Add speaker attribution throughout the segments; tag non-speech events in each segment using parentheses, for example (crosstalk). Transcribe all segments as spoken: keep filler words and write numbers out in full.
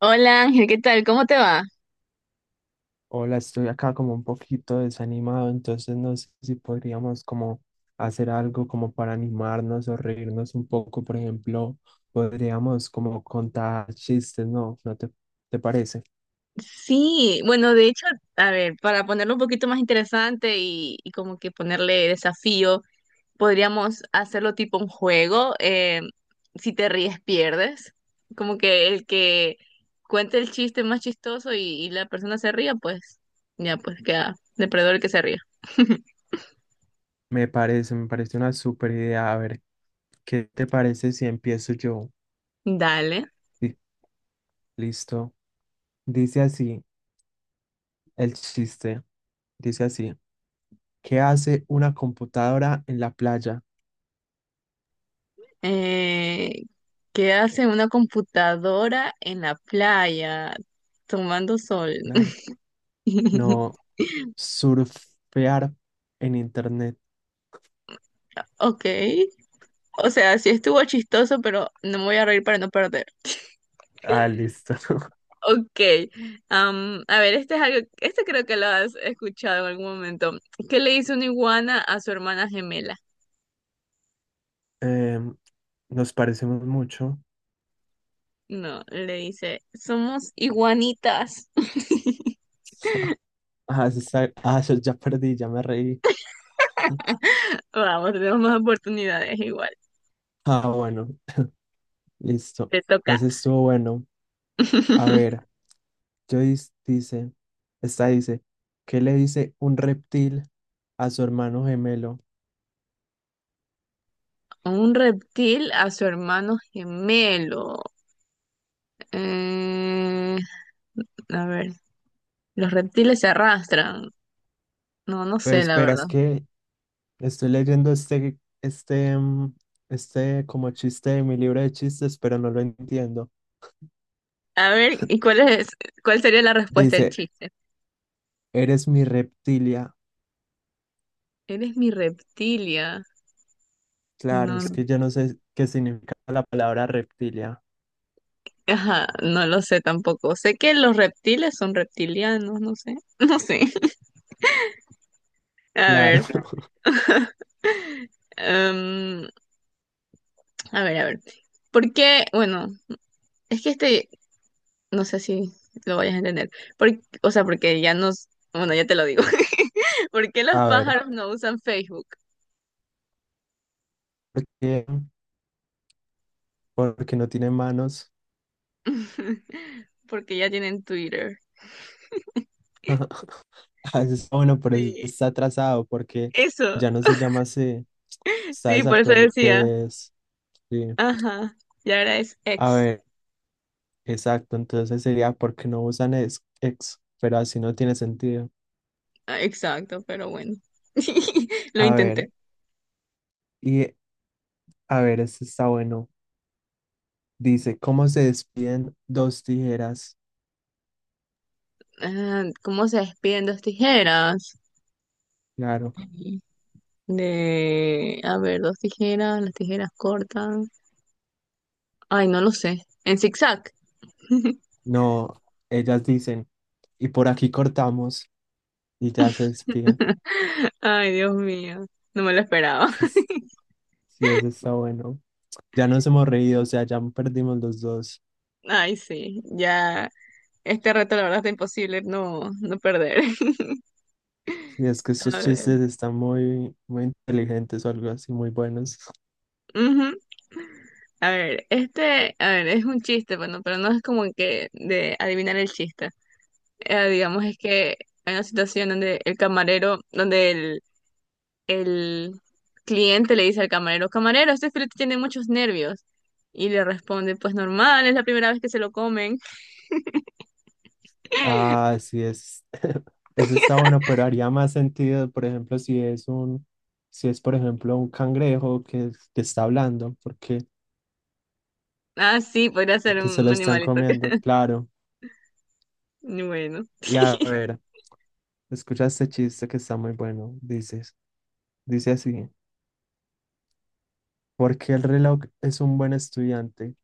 Speaker 1: Hola Ángel, ¿qué tal? ¿Cómo te va?
Speaker 2: Hola, estoy acá como un poquito desanimado, entonces no sé si podríamos como hacer algo como para animarnos o reírnos un poco, por ejemplo, podríamos como contar chistes, ¿no? ¿No te, te parece?
Speaker 1: Sí, bueno, de hecho, a ver, para ponerlo un poquito más interesante y, y como que ponerle desafío, podríamos hacerlo tipo un juego. Eh, si te ríes, pierdes. Como que el que cuente el chiste más chistoso y, y la persona se ría, pues ya, pues queda depredador el que se ría.
Speaker 2: Me parece, me parece una súper idea. A ver, ¿qué te parece si empiezo yo?
Speaker 1: Dale.
Speaker 2: Sí, listo. Dice así el chiste, dice así, ¿qué hace una computadora en la playa?
Speaker 1: Eh, ¿Qué hace una computadora en la playa tomando sol?
Speaker 2: Claro. No,
Speaker 1: (laughs)
Speaker 2: surfear en internet.
Speaker 1: Ok. O sea, sí estuvo chistoso, pero no me voy a reír para no perder.
Speaker 2: Ah, listo. (laughs)
Speaker 1: Ok, am, a ver, este es algo, este creo que lo has escuchado en algún momento. ¿Qué le dice una iguana a su hermana gemela?
Speaker 2: Em, nos parecemos mucho.
Speaker 1: No, le dice, somos iguanitas. (laughs)
Speaker 2: Ah, eso está- ah, eso ya perdí, ya me reí.
Speaker 1: Vamos, tenemos más oportunidades igual.
Speaker 2: Ah, bueno, listo.
Speaker 1: Te toca.
Speaker 2: Ese estuvo bueno. A ver,
Speaker 1: (laughs)
Speaker 2: Joyce dice, esta dice, ¿qué le dice un reptil a su hermano gemelo?
Speaker 1: Un reptil a su hermano gemelo. Eh, a ver, los reptiles se arrastran. No, no
Speaker 2: Pero
Speaker 1: sé, la
Speaker 2: esperas
Speaker 1: verdad.
Speaker 2: que estoy leyendo este, este, mm, este como chiste de mi libro de chistes, pero no lo entiendo.
Speaker 1: A ver, ¿y cuál es, ¿cuál sería la respuesta del
Speaker 2: Dice,
Speaker 1: chiste?
Speaker 2: eres mi reptilia.
Speaker 1: Eres mi reptilia.
Speaker 2: Claro,
Speaker 1: No,
Speaker 2: es que yo no sé qué significa la palabra reptilia.
Speaker 1: ajá, no lo sé tampoco. Sé que los reptiles son reptilianos, no sé, (laughs) no sé. A
Speaker 2: Claro.
Speaker 1: ver,
Speaker 2: (laughs)
Speaker 1: (laughs) em, a ver, a ver. ¿Por qué? Bueno, es que este, no sé si lo vayas a entender. Por- o sea, porque ya nos, bueno, ya te lo digo. (laughs) ¿Por qué los
Speaker 2: A ver,
Speaker 1: pájaros no usan Facebook?
Speaker 2: ¿por qué? Porque no tiene manos.
Speaker 1: (laughs) Porque ya tienen Twitter.
Speaker 2: (laughs) Ah, eso está bueno, pero eso
Speaker 1: Sí,
Speaker 2: está atrasado porque
Speaker 1: eso.
Speaker 2: ya no se llama así. Está
Speaker 1: Sí, por eso decía.
Speaker 2: desactualizado. Sí.
Speaker 1: Ajá, y ahora es
Speaker 2: A
Speaker 1: ex.
Speaker 2: ver, exacto. Entonces sería porque no usan ex, ex, pero así no tiene sentido.
Speaker 1: Ah, exacto, pero bueno. (laughs) Lo
Speaker 2: A ver,
Speaker 1: intenté.
Speaker 2: y a ver, este está bueno. Dice, ¿cómo se despiden dos tijeras?
Speaker 1: Ah, ¿cómo se despiden dos tijeras?
Speaker 2: Claro.
Speaker 1: De, a ver, dos tijeras, las tijeras cortan. Ay, no lo sé. En zigzag. (laughs)
Speaker 2: No, ellas dicen, y por aquí cortamos y ya se despiden.
Speaker 1: Ay, Dios mío. No me lo esperaba.
Speaker 2: Sí,
Speaker 1: (laughs)
Speaker 2: es- sí, eso está bueno. Ya nos hemos reído, o sea, ya perdimos los dos.
Speaker 1: Ay, sí. Ya. Este reto, la verdad, está imposible no, no perder.
Speaker 2: Sí, es que
Speaker 1: (laughs)
Speaker 2: estos
Speaker 1: A ver.
Speaker 2: chistes están muy, muy inteligentes o algo así, muy buenos.
Speaker 1: Ujú. A ver, este, a ver, es un chiste, bueno, pero no es como que de adivinar el chiste. eh, digamos, es que hay una situación donde el camarero, donde el, el cliente le dice al camarero, camarero, este filete tiene muchos nervios. Y le responde, pues normal, es la primera vez que se lo comen.
Speaker 2: Ah,
Speaker 1: (laughs)
Speaker 2: sí, es. (laughs) Eso está bueno, pero haría más sentido, por ejemplo, si es un, si es, por ejemplo, un cangrejo que, que está hablando, porque,
Speaker 1: Ah, sí, podría ser
Speaker 2: porque se lo
Speaker 1: un
Speaker 2: están
Speaker 1: animalito. (laughs)
Speaker 2: comiendo,
Speaker 1: que-
Speaker 2: claro.
Speaker 1: Bueno,
Speaker 2: Y a ver, escucha este chiste que está muy bueno, dices. Dice así, ¿por qué el reloj es un buen estudiante?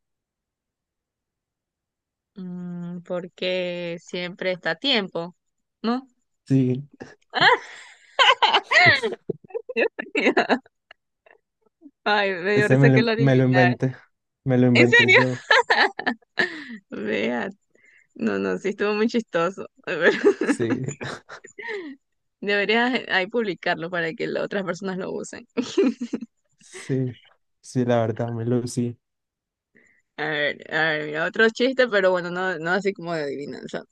Speaker 1: mm, porque siempre está a tiempo, ¿no?
Speaker 2: Sí,
Speaker 1: (laughs) Ay, me dio
Speaker 2: ese
Speaker 1: risa
Speaker 2: me
Speaker 1: que
Speaker 2: lo,
Speaker 1: lo
Speaker 2: me lo
Speaker 1: adivinara.
Speaker 2: inventé, me lo
Speaker 1: ¿En
Speaker 2: inventé
Speaker 1: serio?
Speaker 2: yo.
Speaker 1: Vea, no, no, sí estuvo muy chistoso. (laughs)
Speaker 2: Sí,
Speaker 1: Deberías eh, ahí publicarlo para que las otras personas lo usen. (laughs)
Speaker 2: (laughs) sí, sí, la verdad, me lo sí.
Speaker 1: A ver, a ver, mira, otro chiste, pero bueno, no, no así como de adivinanza.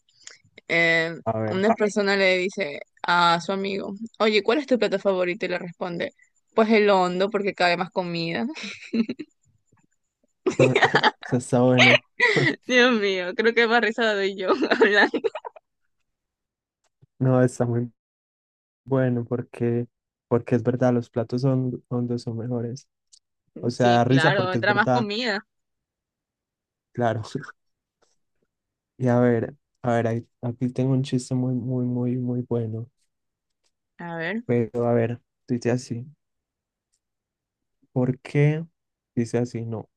Speaker 1: Eh,
Speaker 2: A ver,
Speaker 1: una persona le dice a su amigo, oye, ¿cuál es tu plato favorito? Y le responde, pues el hondo, porque cabe más comida.
Speaker 2: (laughs) eso está bueno.
Speaker 1: (laughs)
Speaker 2: (laughs)
Speaker 1: Dios mío, creo que más risa doy yo (laughs) hablando.
Speaker 2: No, está muy bueno porque, porque es verdad, los platos son hondos son mejores. O sea,
Speaker 1: Sí,
Speaker 2: da risa
Speaker 1: claro,
Speaker 2: porque es
Speaker 1: entra más
Speaker 2: verdad,
Speaker 1: comida.
Speaker 2: claro. (laughs) Y a ver, a ver, ahí- aquí tengo un chiste muy, muy, muy, muy bueno.
Speaker 1: A ver,
Speaker 2: Pero a ver, dice así, ¿por qué? Dice así, no,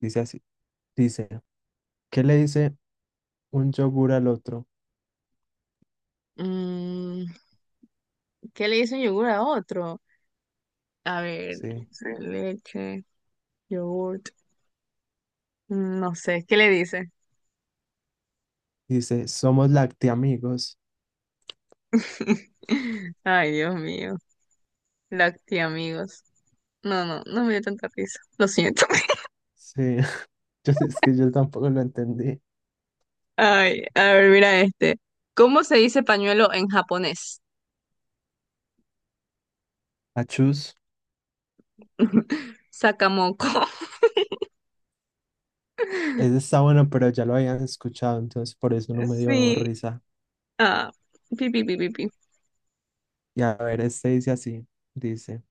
Speaker 2: dice así. Dice, ¿qué le dice un yogur al otro?
Speaker 1: mm, ¿qué le dice un yogur a otro? A ver,
Speaker 2: Sí,
Speaker 1: leche, yogurt, mm, no sé, ¿qué le dice?
Speaker 2: dice, somos lactiamigos.
Speaker 1: (laughs) Ay, Dios mío. Lacti, amigos. No, no, no me dio tanta risa. Lo siento. (laughs)
Speaker 2: Sí, (laughs) yo, es que yo tampoco lo entendí.
Speaker 1: Ay, a ver, mira este. ¿Cómo se dice pañuelo en japonés?
Speaker 2: Achus.
Speaker 1: (laughs) Sakamoko.
Speaker 2: Ese
Speaker 1: (laughs)
Speaker 2: está bueno, pero ya lo habían escuchado, entonces por eso no me dio
Speaker 1: Sí.
Speaker 2: risa.
Speaker 1: Ah, pi, pi, pi, pi, pi.
Speaker 2: Y a ver, este dice así, dice,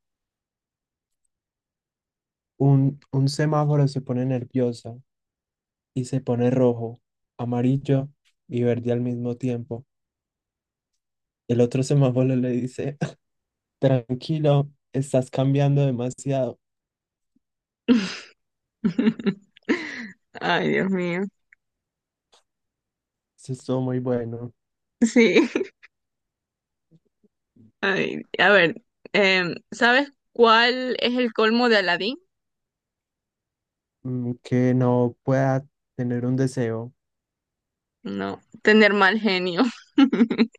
Speaker 2: un, un semáforo se pone nervioso y se pone rojo, amarillo y verde al mismo tiempo. El otro semáforo le dice, (laughs) tranquilo, estás cambiando demasiado.
Speaker 1: (laughs) Ay, Dios mío.
Speaker 2: Eso estuvo muy bueno.
Speaker 1: Sí. (laughs) Ay, a ver, em, ¿sabes cuál es el colmo de Aladín?
Speaker 2: Mm, que no pueda tener un deseo.
Speaker 1: No, tener mal genio. (laughs)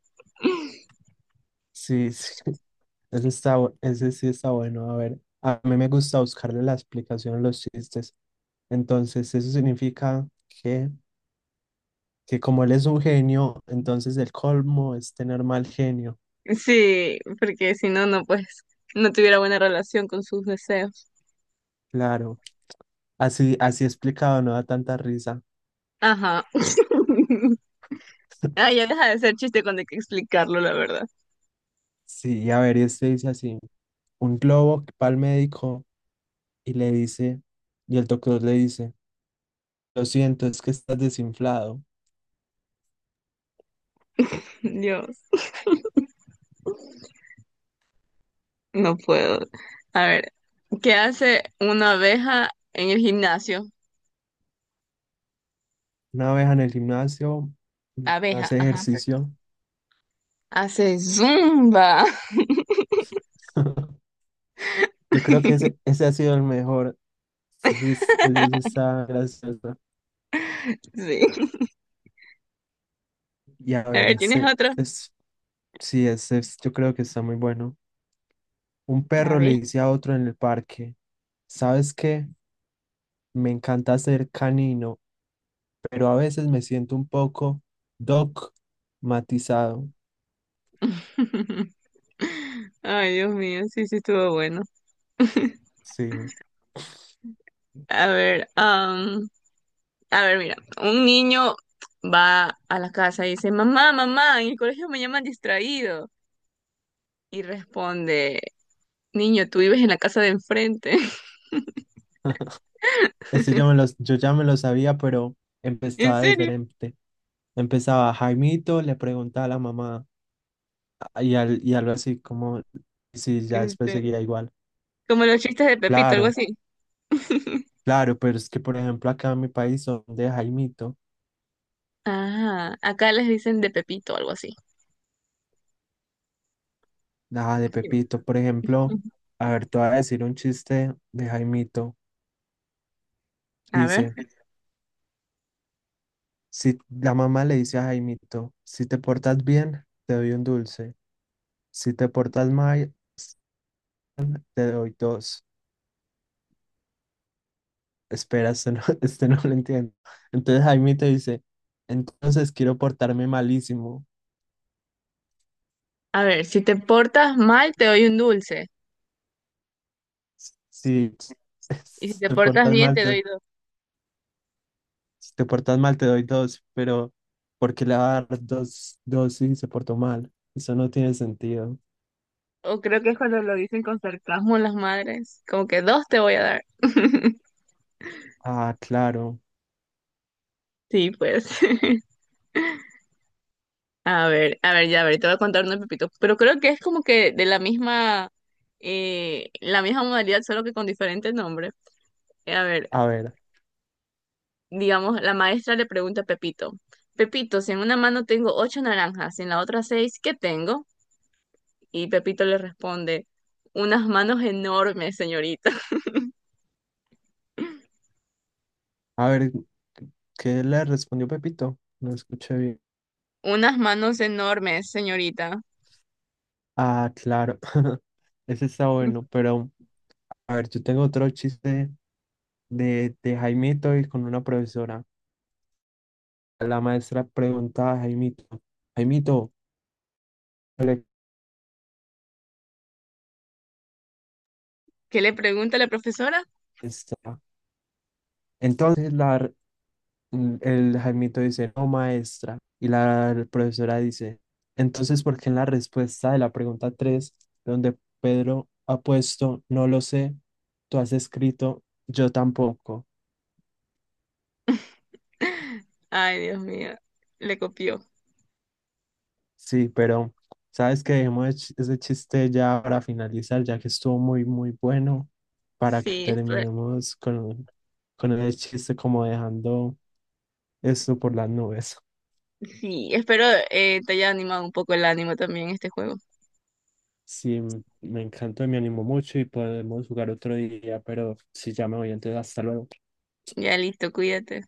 Speaker 2: Sí, sí, (laughs) ese está, bu- ese sí está bueno. A ver, a mí me gusta buscarle la explicación a los chistes. Entonces, eso significa que, que como él es un genio, entonces el colmo es tener mal genio.
Speaker 1: Sí, porque si no, no, pues, no tuviera buena relación con sus deseos.
Speaker 2: Claro, así, así explicado no da tanta risa.
Speaker 1: Ajá. (laughs) Ah,
Speaker 2: (laughs)
Speaker 1: ya deja de ser chiste cuando hay que explicarlo, la verdad.
Speaker 2: Sí, a ver, y este dice así, un globo que va al médico y le dice, y el doctor le dice, lo siento, es que estás desinflado.
Speaker 1: Dios, no puedo. A ver, ¿qué hace una abeja en el gimnasio?
Speaker 2: Una vez en el gimnasio, mm,
Speaker 1: Abeja,
Speaker 2: hace
Speaker 1: ajá.
Speaker 2: ejercicio.
Speaker 1: Hace zumba.
Speaker 2: (laughs) Yo creo que ese, ese ha sido el mejor. Ese, sí es- ese sí
Speaker 1: (laughs)
Speaker 2: está gracioso.
Speaker 1: Sí.
Speaker 2: Y a
Speaker 1: A
Speaker 2: ver,
Speaker 1: ver, ¿tienes
Speaker 2: ese
Speaker 1: otro?
Speaker 2: es, sí, ese es- yo creo que está muy bueno. Un
Speaker 1: A
Speaker 2: perro le
Speaker 1: ver.
Speaker 2: dice a otro en el parque, ¿sabes qué? Me encanta ser canino, pero a veces me siento un poco dogmatizado.
Speaker 1: (laughs) Ay, Dios mío, sí, sí estuvo bueno. (laughs)
Speaker 2: Sí.
Speaker 1: A ver, am, a ver, mira, un niño va a la casa y dice, mamá, mamá, en el colegio me llaman distraído. Y responde, niño, tú vives en la casa de enfrente. (laughs)
Speaker 2: Este yo, me los, yo ya me lo sabía, pero
Speaker 1: ¿En
Speaker 2: empezaba
Speaker 1: serio?
Speaker 2: diferente. Empezaba Jaimito, le preguntaba a la mamá y, al, y algo así como si ya
Speaker 1: En
Speaker 2: después
Speaker 1: serio.
Speaker 2: seguía igual.
Speaker 1: Como los chistes de Pepito, algo
Speaker 2: Claro,
Speaker 1: así.
Speaker 2: claro, pero es que por ejemplo acá en mi país son de Jaimito.
Speaker 1: Ah, acá les dicen de Pepito, algo así.
Speaker 2: Nada de Pepito, por ejemplo, a ver, te voy a decir un chiste de Jaimito.
Speaker 1: A ver,
Speaker 2: Dice, si la mamá le dice a Jaimito, si te portas bien, te doy un dulce. Si te portas mal, s- te doy dos. Espera, este no, (laughs) este no lo entiendo. Entonces Jaimito dice, entonces quiero portarme malísimo.
Speaker 1: a ver, si te portas mal, te doy un dulce.
Speaker 2: S- Si, (laughs)
Speaker 1: Y si
Speaker 2: si
Speaker 1: te
Speaker 2: te
Speaker 1: portas
Speaker 2: portas
Speaker 1: bien,
Speaker 2: mal,
Speaker 1: te
Speaker 2: te,
Speaker 1: doy dos.
Speaker 2: si te portas mal, te doy dos. Pero, ¿por qué le va a dar dos, dos si se portó mal? Eso no tiene sentido.
Speaker 1: O creo que es cuando lo dicen con sarcasmo las madres, como que dos te voy a dar. (laughs)
Speaker 2: Ah, claro.
Speaker 1: Sí, pues. (laughs) A ver, a ver, ya, a ver, te voy a contar uno de Pepito. Pero creo que es como que de la misma, eh, la misma modalidad, solo que con diferente nombre. Eh, A ver,
Speaker 2: A ver,
Speaker 1: digamos, la maestra le pregunta a Pepito, Pepito, si en una mano tengo ocho naranjas y en la otra seis, ¿qué tengo? Y Pepito le responde, unas manos enormes, señorita. (laughs)
Speaker 2: a ver, ¿qué le respondió Pepito? No escuché bien.
Speaker 1: Unas manos enormes, señorita.
Speaker 2: Ah, claro. (laughs) Ese está bueno,
Speaker 1: (laughs)
Speaker 2: pero a ver, yo tengo otro chiste de, de Jaimito y con una profesora. La maestra preguntaba a Jaimito, Jaimito, ¿cuál es
Speaker 1: ¿Qué le pregunta la profesora?
Speaker 2: esta?". Entonces la, Mm, El Jaimito dice, no, maestra. Y la profesora dice, entonces, ¿por qué en la respuesta de la pregunta tres donde Pedro ha puesto, no lo sé, tú has escrito, yo tampoco?
Speaker 1: (laughs) Ay, Dios mío, le copió.
Speaker 2: Sí, pero sabes que dejemos ech- ese chiste ya para finalizar, ya que estuvo muy, muy bueno, para que
Speaker 1: Sí,
Speaker 2: terminemos con, con el chiste como dejando esto por las nubes.
Speaker 1: sí, espero eh, te haya animado un poco el ánimo también este juego.
Speaker 2: Sí, m- me encantó, me animó mucho y podemos jugar otro día, pero si ya me voy, entonces hasta luego.
Speaker 1: Ya listo, cuídate.